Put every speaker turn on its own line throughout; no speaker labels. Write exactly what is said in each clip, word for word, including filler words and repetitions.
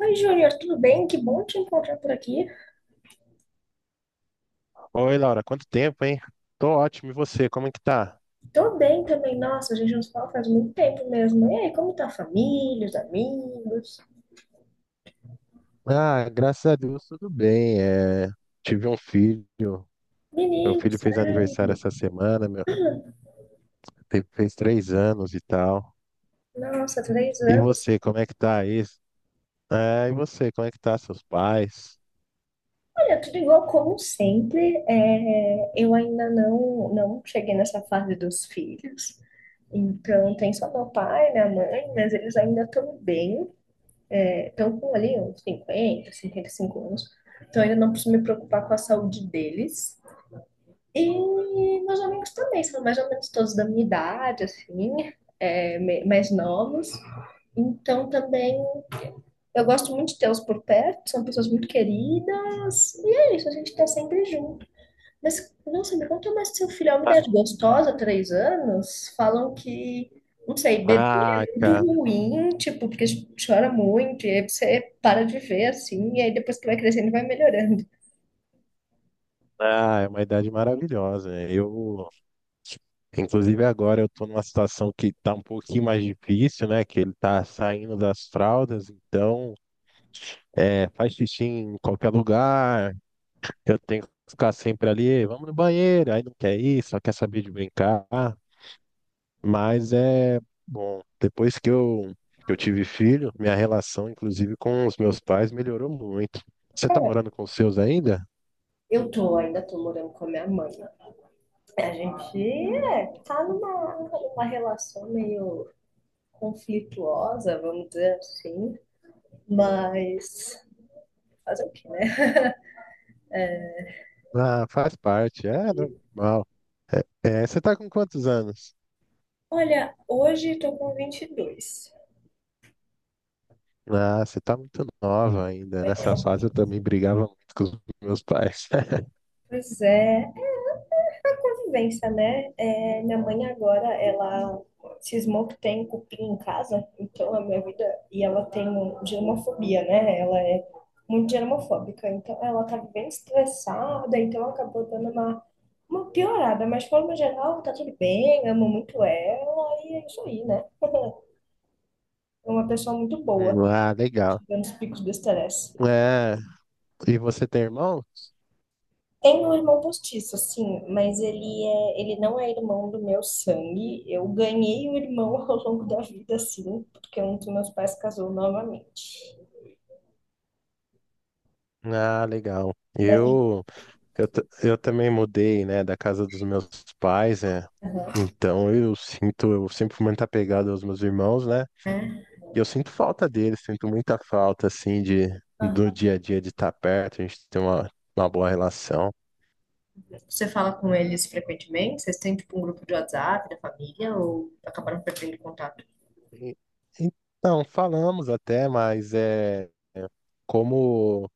Oi, Júnior, tudo bem? Que bom te encontrar por aqui.
Oi, Laura, quanto tempo, hein? Tô ótimo, e você, como é que tá?
Tô bem também. Nossa, a gente não se fala faz muito tempo mesmo. E aí, como tá a família, os amigos?
Ah, graças a Deus, tudo bem. É, tive um filho, meu filho
Meninos,
fez
sabe?
aniversário essa semana, meu, teve- fez três anos e tal.
Nossa, três
E
anos.
você, como é que tá isso? É, e você, como é que tá, seus pais?
Olha, tudo igual como sempre. É, eu ainda não, não cheguei nessa fase dos filhos. Então, tem só meu pai, minha mãe, mas eles ainda estão bem. Estão com ali uns cinquenta, cinquenta e cinco anos. Então, ainda não preciso me preocupar com a saúde deles. E meus amigos também, são mais ou menos todos da minha idade, assim, é, me- mais novos. Então também eu gosto muito de tê-los por perto, são pessoas muito queridas. E é isso, a gente tá sempre junto. Mas, nossa, me conta mais do seu filho. É uma idade gostosa, três anos. Falam que, não sei, bebê
Ah,
é muito
cara,
ruim, tipo, porque chora muito, e aí você para de ver, assim, e aí depois que vai crescendo vai melhorando.
ah, é uma idade maravilhosa, né? Eu, inclusive agora eu tô numa situação que tá um pouquinho mais difícil, né? Que ele tá saindo das fraldas, então é, faz xixi em qualquer lugar. Eu tenho que ficar sempre ali, "Ei, vamos no banheiro", aí não quer ir, só quer saber de brincar. Mas é bom, depois que eu, que eu tive filho, minha relação, inclusive, com os meus pais melhorou muito. Você tá
Cara,
morando com os seus ainda?
eu tô, ainda tô morando com a minha mãe. A gente é, tá numa, numa relação meio conflituosa, vamos dizer assim, mas fazer o quê, né?
Ah, faz parte, é normal. É, é, você tá com quantos anos?
Olha, hoje tô com vinte e dois.
Ah, você tá muito nova ainda. Nessa fase eu também brigava muito com os meus pais.
Pois é, convivência, né? É, minha mãe agora, ela cismou que tem cupim em casa, então a minha vida. E ela tem um germofobia, né? Ela é muito germofóbica, então ela tá bem estressada, então acabou dando uma, uma piorada, mas de forma geral tá tudo bem, amo muito ela e é isso aí, né? É uma pessoa muito boa,
Ah, legal.
tirando os picos do estresse.
É, e você tem irmão?
Tenho um irmão postiço, sim, mas ele é, ele não é irmão do meu sangue. Eu ganhei um irmão ao longo da vida, sim, porque um dos meus pais casou novamente.
Ah, legal.
Mas
Eu, eu, ta- eu também mudei, né, da casa dos meus pais, é. Então eu sinto, eu sempre fui muito apegado aos meus irmãos, né?
é.
E eu sinto falta deles, sinto muita falta, assim, de, do
Ah,
dia a dia de estar perto. A gente tem uma, uma boa relação.
você fala com eles frequentemente? Vocês têm tipo um grupo de WhatsApp da família ou acabaram perdendo contato?
E- Então, falamos até, mas é como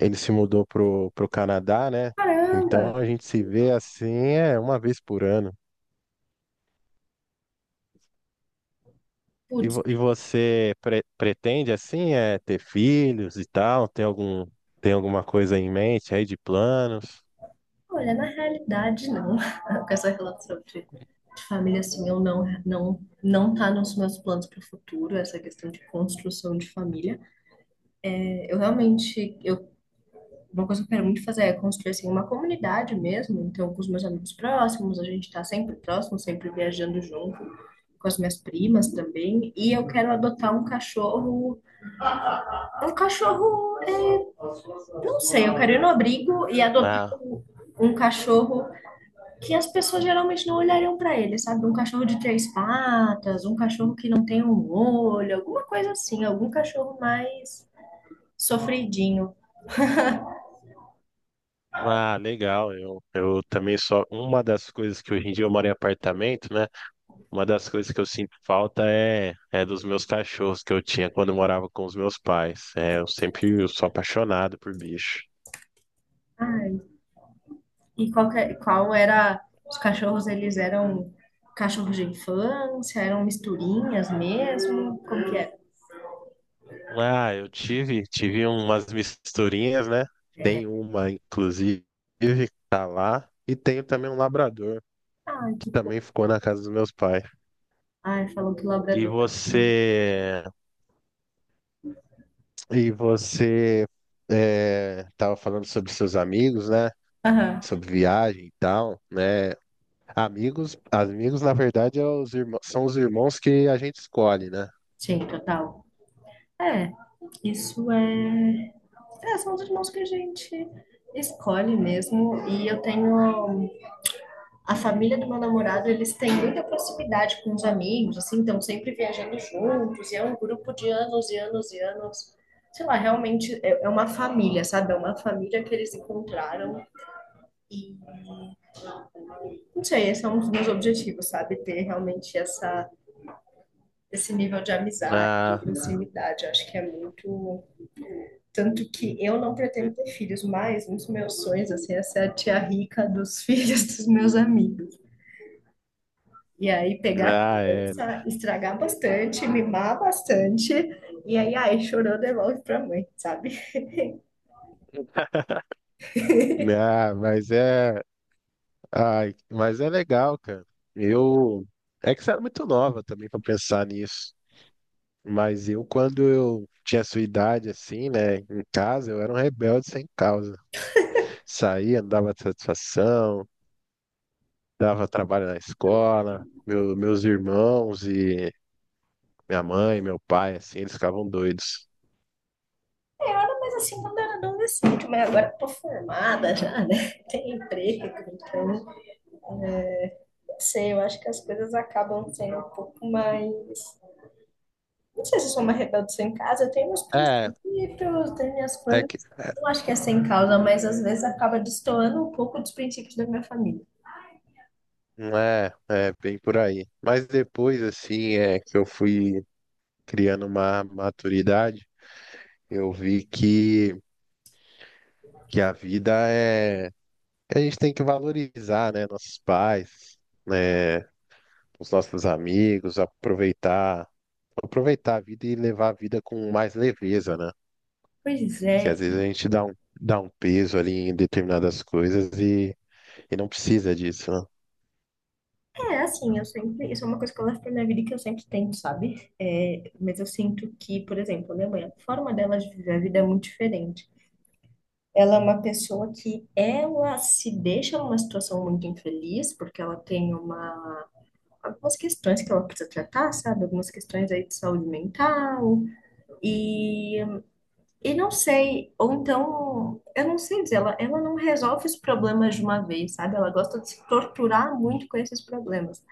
ele se mudou pro, pro Canadá, né?
Caramba.
Então a gente se vê assim, é uma vez por ano. E,
Putz,
vo- e você pre- pretende assim é ter filhos e tal? Tem algum tem alguma coisa em mente aí de planos?
olha, na realidade não. Com essa relação de, de família assim, eu não, não, não tá nos meus planos para o futuro, essa questão de construção de família. É, eu realmente, eu uma coisa que eu quero muito fazer é construir assim, uma comunidade mesmo. Então, com os meus amigos próximos, a gente está sempre próximo, sempre viajando junto, com as minhas primas também. E eu quero adotar um cachorro. Um cachorro, é, não sei, eu quero ir no abrigo e adotar
Ah,
um um cachorro que as pessoas geralmente não olhariam para ele, sabe? Um cachorro de três patas, um cachorro que não tem um olho, alguma coisa assim, algum cachorro mais sofridinho.
ah, legal. Eu, eu também, só uma das coisas, que hoje em dia eu moro em apartamento, né? Uma das coisas que eu sinto falta é é dos meus cachorros que eu tinha quando eu morava com os meus pais. É, eu sempre, eu sou apaixonado por bicho.
Ah, e qual, que- é, qual era. Os cachorros, eles eram cachorros de infância, eram misturinhas mesmo? Como que era?
Ah, eu tive tive umas misturinhas, né? Tem uma inclusive que tá lá e tenho também um labrador.
Ai, que fofo.
Também ficou na casa dos meus pais.
Ai, falou que
E
labrador.
você, e você é, tava falando sobre seus amigos, né?
Aham.
Sobre viagem e tal, né? Amigos, amigos, na verdade, é os irmãos, são os irmãos que a gente escolhe, né?
Sim, total. É, isso é... é. São os irmãos que a gente escolhe mesmo. E eu tenho. A família do meu namorado, eles têm muita proximidade com os amigos, assim, estão sempre viajando juntos, e é um grupo de anos e anos e anos. Sei lá, realmente é é uma família, sabe? É uma família que eles encontraram e não sei, esse é um dos meus objetivos, sabe? Ter realmente essa, esse nível de amizade, de
Ah,
proximidade. Eu acho que é muito. Tanto que eu não pretendo ter filhos, mas um dos meus sonhos, assim, é ser a tia rica dos filhos dos meus amigos. E aí pegar a
ah, é.
criança, estragar bastante, mimar bastante, e aí, ai, chorou, devolve pra mãe, sabe?
Ah, mas é, ai, mas é legal, cara. Eu, é que você era muito nova também para pensar nisso. Mas eu, quando eu tinha sua idade, assim, né, em casa, eu era um rebelde sem causa. Saía, não dava satisfação, dava trabalho na escola, meu, meus irmãos e minha mãe, meu pai, assim, eles ficavam doidos.
Eu era mais assim quando era adolescente, mas agora eu tô formada já, né? Tem emprego, então, é, não sei, eu acho que as coisas acabam sendo um pouco mais. Não sei se eu sou uma rebelde sem casa, eu tenho meus
É,
princípios, tenho minhas
é
coisas.
que, é,
Não acho que é sem causa, mas às vezes acaba destoando um pouco dos princípios da minha família.
não é, é bem por aí. Mas depois, assim, é que eu fui criando uma maturidade, eu vi que, que a vida é, que a gente tem que valorizar, né, nossos pais, né, os nossos amigos, aproveitar, aproveitar a vida e levar a vida com mais leveza, né?
Pois
Que
é,
às vezes a
e
gente dá um, dá um peso ali em determinadas coisas e, e não precisa disso, né?
é, assim, eu sempre, isso é uma coisa que eu levo pra minha vida e que eu sempre tento, sabe? É, mas eu sinto que, por exemplo, minha mãe, a forma dela de viver a vida é muito diferente. Ela é uma pessoa que ela se deixa numa situação muito infeliz, porque ela tem uma, algumas questões que ela precisa tratar, sabe? Algumas questões aí de saúde mental. E, e não sei, ou então, eu não sei dizer, ela, ela não resolve os problemas de uma vez, sabe? Ela gosta de se torturar muito com esses problemas.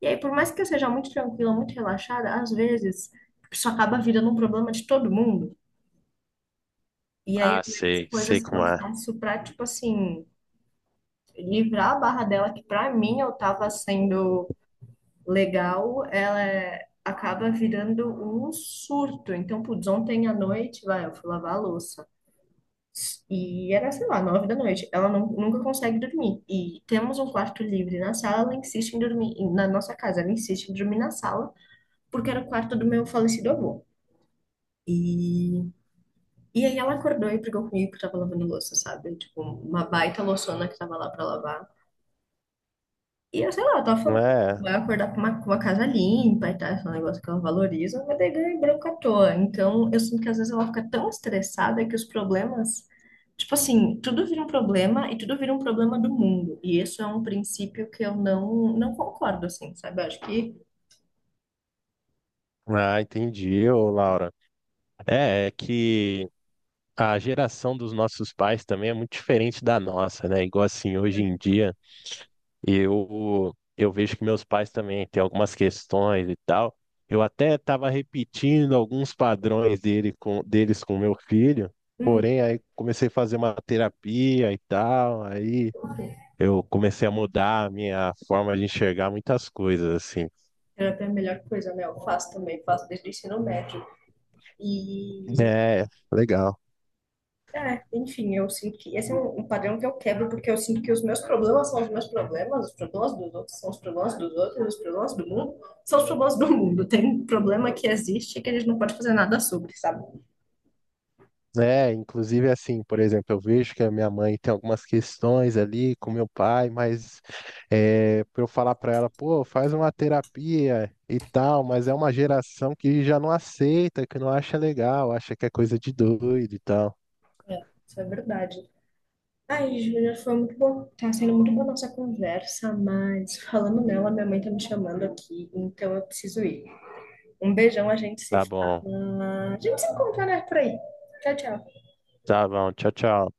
E aí, por mais que eu seja muito tranquila, muito relaxada, às vezes isso acaba virando um problema de todo mundo. E aí,
Ah,
às vezes,
sei, sei
coisas que eu
como é.
faço pra, tipo assim, livrar a barra dela, que pra mim eu tava sendo legal, ela é- acaba virando um surto. Então, putz, ontem à noite, vai, eu fui lavar a louça. E era, sei lá, nove da noite. Ela não, nunca consegue dormir. E temos um quarto livre na sala, ela insiste em dormir, na nossa casa, ela insiste em dormir na sala, porque era o quarto do meu falecido avô. E, e aí ela acordou e brigou comigo que eu tava lavando louça, sabe? Tipo, uma baita louçona que tava lá pra lavar. E eu sei lá, eu tava
Não
falando que
é?
vai acordar com uma, com uma casa limpa e tal, esse negócio que ela valoriza, mas daí ganha branco à toa. Então eu sinto que às vezes ela fica tão estressada que os problemas. Tipo assim, tudo vira um problema e tudo vira um problema do mundo. E isso é um princípio que eu não, não concordo, assim, sabe? Eu acho que
Ah, entendi, ô Laura. É, é que A geração dos nossos pais também é muito diferente da nossa, né? Igual assim, hoje em dia, eu eu vejo que meus pais também têm algumas questões e tal. Eu até estava repetindo alguns padrões dele com, deles com meu filho,
uhum.
porém aí comecei a fazer uma terapia e tal, aí eu comecei a mudar a minha forma de enxergar muitas coisas, assim.
Terapia é a melhor coisa, né? Eu faço também, faço desde o ensino médio. E
É, legal.
é, enfim, eu sinto que esse é um, um padrão que eu quebro, porque eu sinto que os meus problemas são os meus problemas, os problemas dos outros são os problemas dos outros, os problemas do mundo são os problemas do mundo. Tem um problema que existe e que a gente não pode fazer nada sobre, sabe?
É, inclusive assim, por exemplo, eu vejo que a minha mãe tem algumas questões ali com meu pai, mas é, para eu falar para ela, pô, faz uma terapia e tal, mas é uma geração que já não aceita, que não acha legal, acha que é coisa de doido e tal.
É, isso é verdade. Ai, Júlia, foi muito bom. Tá sendo muito boa a nossa conversa, mas falando nela, minha mãe tá me chamando aqui, então eu preciso ir. Um beijão, a gente se
Tá bom,
fala. A gente se encontra, né, por aí. Tchau, tchau.
tá bom, tchau, tchau.